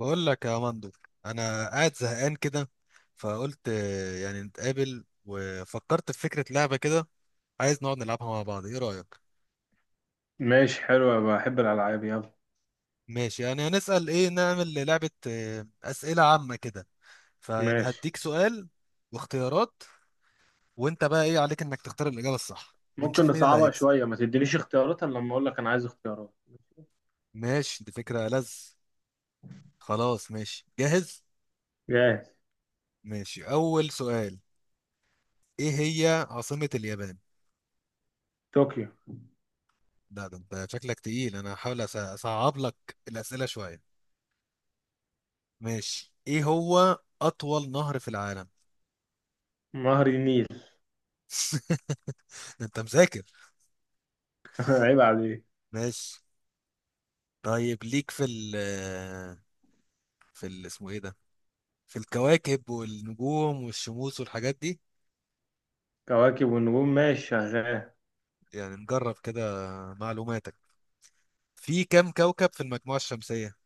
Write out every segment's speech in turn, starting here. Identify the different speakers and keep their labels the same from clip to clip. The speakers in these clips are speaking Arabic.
Speaker 1: بقول لك يا مندر، انا قاعد زهقان كده. فقلت يعني نتقابل وفكرت في فكرة لعبة كده. عايز نقعد نلعبها مع بعض، ايه رأيك؟
Speaker 2: ماشي، حلو، بحب الألعاب. يلا.
Speaker 1: ماشي، يعني هنسأل ايه نعمل لعبة أسئلة عامة كده. فيعني
Speaker 2: ماشي،
Speaker 1: هديك سؤال واختيارات، وانت بقى ايه عليك انك تختار الإجابة الصح
Speaker 2: ممكن
Speaker 1: ونشوف مين اللي
Speaker 2: نصعبها
Speaker 1: هيكسب.
Speaker 2: شوية، ما تدينيش اختيارات إلا لما أقول لك أنا عايز اختيارات.
Speaker 1: ماشي، دي فكرة لذ. خلاص، ماشي، جاهز.
Speaker 2: جاهز.
Speaker 1: ماشي، أول سؤال. ايه هي عاصمة اليابان؟
Speaker 2: طوكيو.
Speaker 1: لا، ده انت شكلك تقيل، انا هحاول اصعب لك الأسئلة شوية. ماشي، ايه هو اطول نهر في العالم؟
Speaker 2: نهر النيل.
Speaker 1: ده انت مذاكر.
Speaker 2: عيب عليك.
Speaker 1: ماشي طيب، ليك في ال في ال اسمه ايه ده، في الكواكب والنجوم والشموس والحاجات دي.
Speaker 2: كواكب والنجوم، ماشي شغال.
Speaker 1: يعني نجرب كده معلوماتك. في كام كوكب في المجموعة الشمسية؟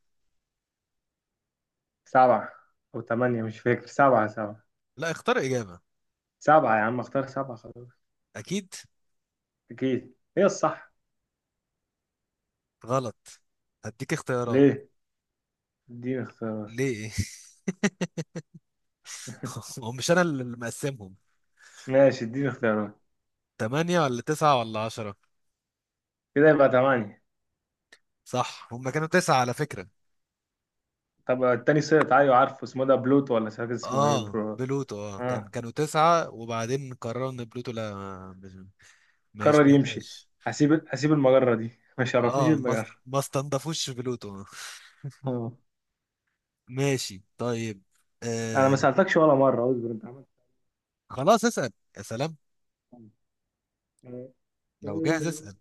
Speaker 2: سبعة. أو تمانية، مش فاكر. سبعة.
Speaker 1: لا، اختار إجابة.
Speaker 2: سبعة يا عم، اختار سبعة خلاص.
Speaker 1: أكيد.
Speaker 2: أكيد هي الصح.
Speaker 1: غلط. هديك اختيارات.
Speaker 2: ليه؟ اديني اختيارات.
Speaker 1: ليه؟ هو مش أنا اللي مقسمهم.
Speaker 2: ماشي، اديني اختيارات.
Speaker 1: تمانية ولا تسعة ولا 10؟
Speaker 2: كده يبقى تمانية.
Speaker 1: صح، هما كانوا تسعة على فكرة.
Speaker 2: طب التاني سقط. أيوة عارفه اسمه، ده بلوتو، ولا مش فاكر اسمه ايه.
Speaker 1: اه،
Speaker 2: برو.
Speaker 1: بلوتو. اه، كان
Speaker 2: اه.
Speaker 1: كانوا تسعة وبعدين قرروا ان بلوتو، لا، ما
Speaker 2: قرر يمشي.
Speaker 1: يشبهناش.
Speaker 2: هسيب المجرة دي. ما شرفنيش
Speaker 1: اه، ما
Speaker 2: المجرة.
Speaker 1: ما استنضفوش بلوتو.
Speaker 2: اه.
Speaker 1: ماشي، طيب.
Speaker 2: انا
Speaker 1: آه.
Speaker 2: ما سألتكش ولا مرة، اصبر. انت عملت
Speaker 1: خلاص، اسأل يا سلام.
Speaker 2: آه،
Speaker 1: لو جاهز
Speaker 2: ايه؟
Speaker 1: اسأل.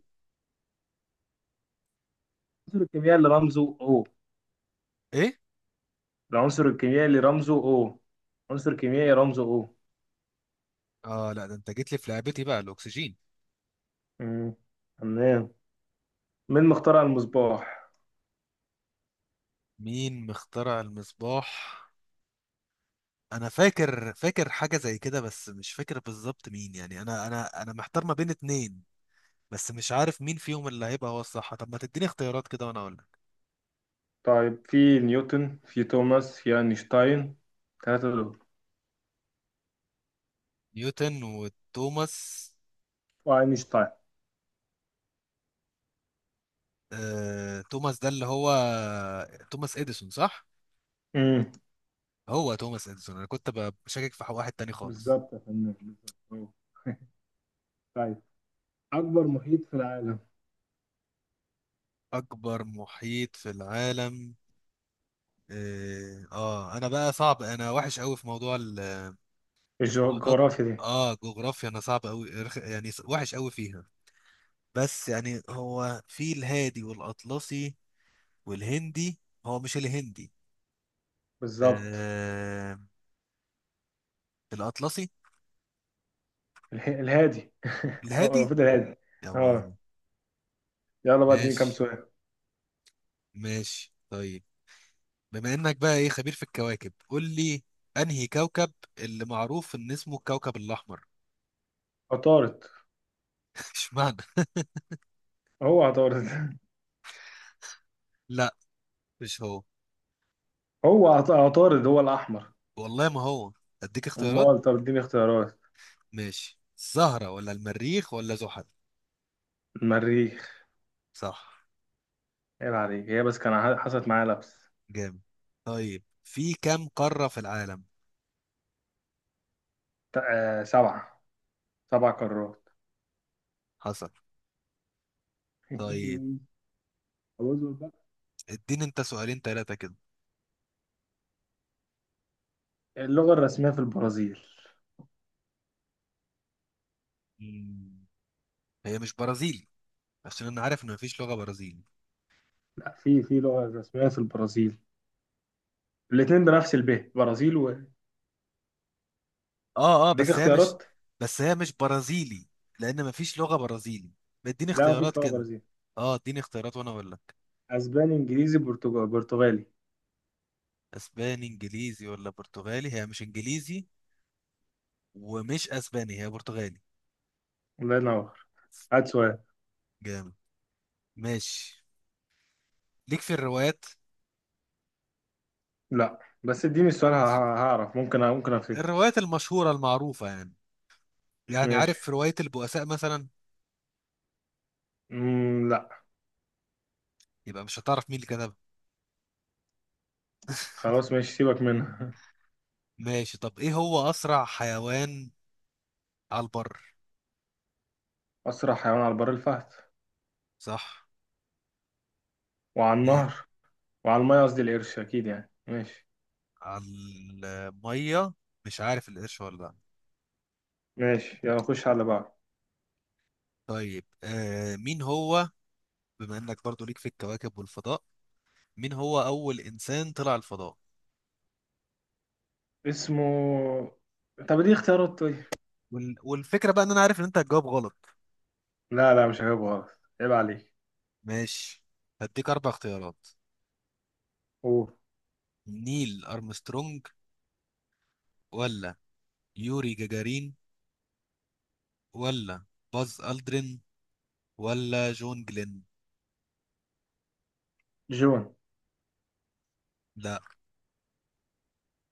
Speaker 2: العنصر الكيميائي اللي رمزه او.
Speaker 1: ايه؟
Speaker 2: العنصر الكيميائي اللي رمزه او. عنصر كيميائي رمزه او.
Speaker 1: اه، لا، ده انت جيت لي في لعبتي بقى. الاكسجين.
Speaker 2: مم، تمام. مين مخترع المصباح؟
Speaker 1: مين مخترع المصباح؟ انا فاكر حاجة زي كده، بس مش فاكر بالظبط مين، يعني انا محتار ما بين اتنين. بس مش عارف مين فيهم اللي هيبقى هو الصح، طب ما تديني اختيارات كده وانا اقول.
Speaker 2: طيب، في نيوتن، في توماس، في اينشتاين. ثلاثة دول.
Speaker 1: نيوتن وتوماس.
Speaker 2: واينشتاين.
Speaker 1: توماس ده اللي هو توماس اديسون صح؟
Speaker 2: امم
Speaker 1: هو توماس اديسون، انا كنت بشكك في واحد تاني خالص.
Speaker 2: بالظبط يا فنان، بالظبط أهو. طيب. اكبر محيط في العالم.
Speaker 1: اكبر محيط في العالم؟ اه، انا بقى صعب، انا وحش قوي في موضوع المحيطات.
Speaker 2: الجغرافيا دي.
Speaker 1: اه، جغرافيا، انا صعب قوي. يعني وحش قوي فيها. بس يعني هو في الهادي والاطلسي والهندي. هو مش الهندي.
Speaker 2: بالظبط.
Speaker 1: آه، الاطلسي.
Speaker 2: الهادي. هو
Speaker 1: الهادي
Speaker 2: المفروض الهادي.
Speaker 1: يا
Speaker 2: اه.
Speaker 1: بابا.
Speaker 2: يلا بقى، اديني كام
Speaker 1: ماشي،
Speaker 2: سؤال.
Speaker 1: ماشي، طيب. بما انك بقى ايه خبير في الكواكب، قول لي انهي كوكب اللي معروف ان اسمه الكوكب الاحمر؟
Speaker 2: عطارد.
Speaker 1: اشمعنى؟
Speaker 2: هو عطارد.
Speaker 1: لا، مش هو.
Speaker 2: هو عطارد هو الأحمر.
Speaker 1: والله ما هو. اديك اختيارات.
Speaker 2: أمال؟ طب اديني اختيارات.
Speaker 1: ماشي، الزهرة ولا المريخ ولا زحل؟
Speaker 2: المريخ.
Speaker 1: صح.
Speaker 2: عيب عليك، هي بس كان حصلت معايا لبس.
Speaker 1: جامد. طيب، في كام قارة في العالم؟
Speaker 2: سبعة. سبع قارات.
Speaker 1: حصل. طيب،
Speaker 2: أعوذ بقى.
Speaker 1: اديني انت سؤالين ثلاثة كده.
Speaker 2: اللغة الرسمية في البرازيل؟
Speaker 1: مم. هي مش برازيل، عشان انا عارف ان مفيش لغة برازيل.
Speaker 2: لا، في لغة رسمية في البرازيل. الاتنين بنفس برازيل و.
Speaker 1: اه، اه،
Speaker 2: اديك
Speaker 1: بس هي مش...
Speaker 2: اختيارات.
Speaker 1: بس هي مش برازيلي، لان مفيش لغة برازيلي. اديني
Speaker 2: لا
Speaker 1: اختيارات
Speaker 2: مفيش لغة
Speaker 1: كده.
Speaker 2: برازيل.
Speaker 1: اه، اديني اختيارات وانا اقول لك.
Speaker 2: أسباني، إنجليزي، برتغالي، برتغالي.
Speaker 1: اسباني، انجليزي، ولا برتغالي؟ هي مش انجليزي ومش اسباني، هي برتغالي.
Speaker 2: الله ينور. هات سؤال.
Speaker 1: جامد. ماشي، ليك في الروايات؟
Speaker 2: لا، بس اديني السؤال، هعرف. ممكن افتكر.
Speaker 1: الروايات المشهورة المعروفة يعني، يعني
Speaker 2: ماشي.
Speaker 1: عارف رواية البؤساء مثلا؟
Speaker 2: مم، لا.
Speaker 1: يبقى مش هتعرف مين اللي كتبها.
Speaker 2: خلاص، ماشي، سيبك منها.
Speaker 1: ماشي، طب ايه هو اسرع حيوان على البر؟
Speaker 2: اسرع حيوان على البر الفهد.
Speaker 1: صح.
Speaker 2: وعلى
Speaker 1: إيه؟
Speaker 2: النهر. وعلى الميه، قصدي، القرش اكيد يعني. ماشي.
Speaker 1: على المية، مش عارف القرش ولا لأ.
Speaker 2: ماشي، يلا نخش على اللي بعده.
Speaker 1: طيب، مين هو، بما انك برضو ليك في الكواكب والفضاء، مين هو اول انسان طلع الفضاء؟
Speaker 2: اسمه. طب دي اختيارات، طيب.
Speaker 1: والفكره بقى ان انا عارف ان انت هتجاوب غلط.
Speaker 2: لا لا، مش هجيبه غلط، عيب عليك.
Speaker 1: ماشي، هديك اربع اختيارات.
Speaker 2: قول.
Speaker 1: نيل ارمسترونج، ولا يوري جاجارين، ولا باز الدرين، ولا جون جلين؟
Speaker 2: جون.
Speaker 1: لا.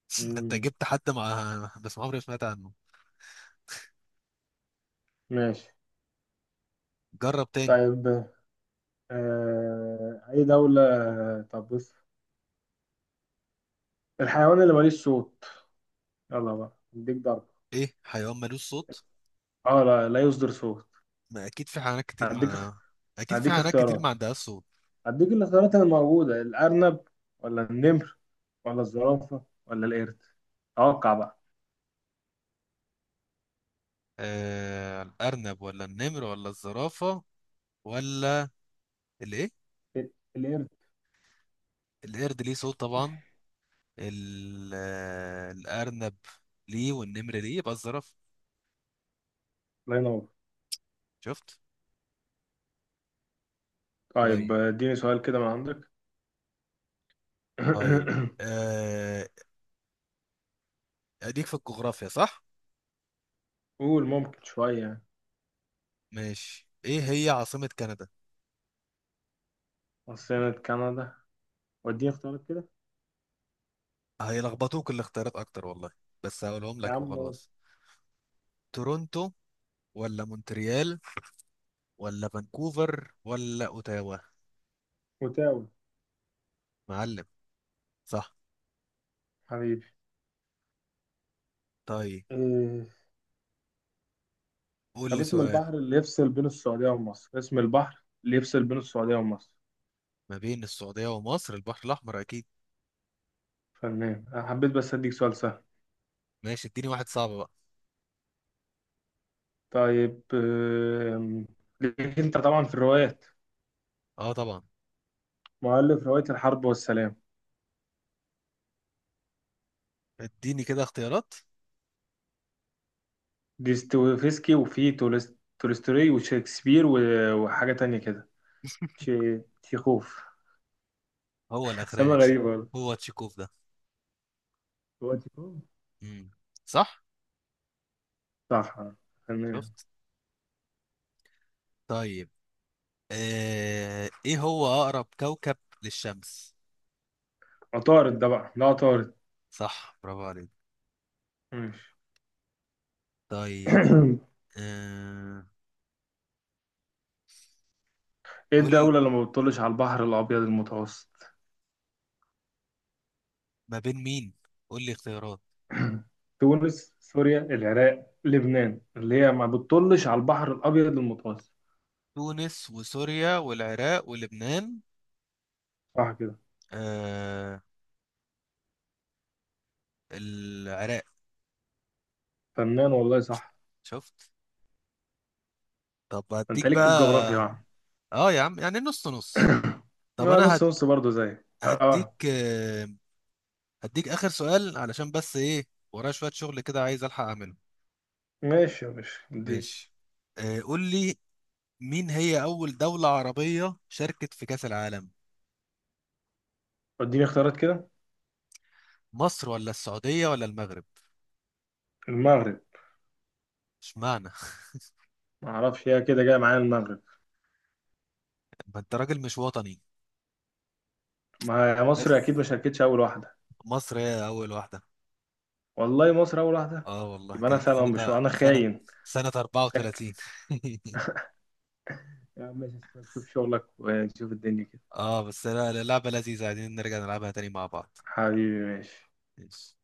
Speaker 1: ده انت
Speaker 2: مم.
Speaker 1: جبت حد مع بس ما عمري ما سمعت عنه.
Speaker 2: ماشي.
Speaker 1: جرب تاني.
Speaker 2: طيب. اي دولة. طب بص. الحيوان اللي ماليش صوت. يلا بقى، اديك ضربة.
Speaker 1: ايه حيوان ملوش صوت؟
Speaker 2: اه، لا، لا يصدر صوت.
Speaker 1: ما اكيد في حيوانات كتير
Speaker 2: هديك
Speaker 1: مع... اكيد في
Speaker 2: هديك
Speaker 1: حيوانات كتير ما
Speaker 2: اختيارات.
Speaker 1: عندهاش صوت.
Speaker 2: هديك الاختيارات اللي موجودة: الأرنب، ولا النمر، ولا الزرافة، ولا القرد. توقع بقى.
Speaker 1: الأرنب، ولا النمر، ولا الزرافة، ولا الإيه؟
Speaker 2: القرد.
Speaker 1: القرد ليه صوت طبعا. الأرنب ليه والنمر ليه، يبقى الزرافة.
Speaker 2: الله ينور.
Speaker 1: شفت؟
Speaker 2: طيب،
Speaker 1: طيب.
Speaker 2: اديني سؤال كده من عندك.
Speaker 1: طيب، آه أديك في الجغرافيا صح؟
Speaker 2: قول، ممكن شوية يعني.
Speaker 1: ماشي، إيه هي عاصمة كندا؟
Speaker 2: عاصمة كندا. واديني اختيارات كده.
Speaker 1: هيلخبطوك الاختيارات أكتر والله، بس هقولهم
Speaker 2: يا
Speaker 1: لك
Speaker 2: عم.
Speaker 1: وخلاص. تورونتو، ولا مونتريال، ولا فانكوفر، ولا أوتاوا؟
Speaker 2: اوتاوا.
Speaker 1: معلم. صح.
Speaker 2: حبيبي.
Speaker 1: طيب،
Speaker 2: إيه.
Speaker 1: قول
Speaker 2: طب
Speaker 1: لي
Speaker 2: اسم
Speaker 1: سؤال.
Speaker 2: البحر اللي يفصل بين السعودية ومصر، اسم البحر اللي يفصل بين السعودية ومصر؟
Speaker 1: ما بين السعودية ومصر البحر الأحمر أكيد.
Speaker 2: فنان. أنا حبيت بس أديك سؤال سهل.
Speaker 1: ماشي، اديني واحد صعب بقى.
Speaker 2: طيب. ليك أنت طبعا في الروايات.
Speaker 1: اه، طبعا.
Speaker 2: مؤلف رواية الحرب والسلام.
Speaker 1: اديني كده اختيارات.
Speaker 2: ديستويفسكي، وفي تولستوي، وشكسبير، وحاجة تانية كده. تشيخوف.
Speaker 1: هو
Speaker 2: سما
Speaker 1: الأخراني
Speaker 2: غريبة والله.
Speaker 1: هو تشيكوف ده؟
Speaker 2: هو تيكون.
Speaker 1: مم. صح.
Speaker 2: صح، آه. تمام.
Speaker 1: شفت. طيب، ايه هو أقرب كوكب للشمس؟
Speaker 2: عطارد، ده بقى، ده عطارد.
Speaker 1: صح، برافو عليك.
Speaker 2: ماشي.
Speaker 1: طيب. آه...
Speaker 2: ايه
Speaker 1: قول،
Speaker 2: الدولة اللي ما بتطلش على البحر الأبيض المتوسط؟
Speaker 1: ما بين مين؟ قول لي اختيارات.
Speaker 2: تونس، سوريا، العراق، لبنان، اللي هي ما بتطلش على البحر الأبيض المتوسط.
Speaker 1: تونس، وسوريا، والعراق، ولبنان؟
Speaker 2: صح كده.
Speaker 1: آه... العراق.
Speaker 2: فنان، والله صح.
Speaker 1: شفت. طب
Speaker 2: انت
Speaker 1: هديك
Speaker 2: ليك في
Speaker 1: بقى.
Speaker 2: الجغرافيا.
Speaker 1: اه، يا عم، يعني نص نص.
Speaker 2: يا
Speaker 1: طب
Speaker 2: عم. اه،
Speaker 1: انا
Speaker 2: نص نص، برضه زي. اه،
Speaker 1: هديك
Speaker 2: آه.
Speaker 1: آه، هديك اخر سؤال، علشان بس ايه، ورايا شويه شغل كده عايز الحق اعمله.
Speaker 2: ماشي يا باشا، اديني.
Speaker 1: ماشي، قول لي مين هي اول دوله عربيه شاركت في كاس العالم؟
Speaker 2: اديني اختيارات كده.
Speaker 1: مصر، ولا السعوديه، ولا المغرب؟
Speaker 2: المغرب.
Speaker 1: اشمعنى؟
Speaker 2: ما اعرفش، هي كده جايه معايا المغرب.
Speaker 1: ما انت راجل مش وطني.
Speaker 2: ما هي
Speaker 1: نخ.
Speaker 2: مصر اكيد ما شاركتش اول واحده.
Speaker 1: مصر هي اول واحده.
Speaker 2: والله مصر اول واحده.
Speaker 1: اه، والله
Speaker 2: يبقى انا
Speaker 1: كانت
Speaker 2: فعلا، مش، انا
Speaker 1: سنه
Speaker 2: خاين.
Speaker 1: سنه
Speaker 2: شك.
Speaker 1: 34.
Speaker 2: يا عم ماشي. شوف شغلك ونشوف الدنيا كده.
Speaker 1: اه، بس لا، لعبه لذيذه، عايزين نرجع نلعبها تاني مع بعض.
Speaker 2: حبيبي ماشي.
Speaker 1: ماشي.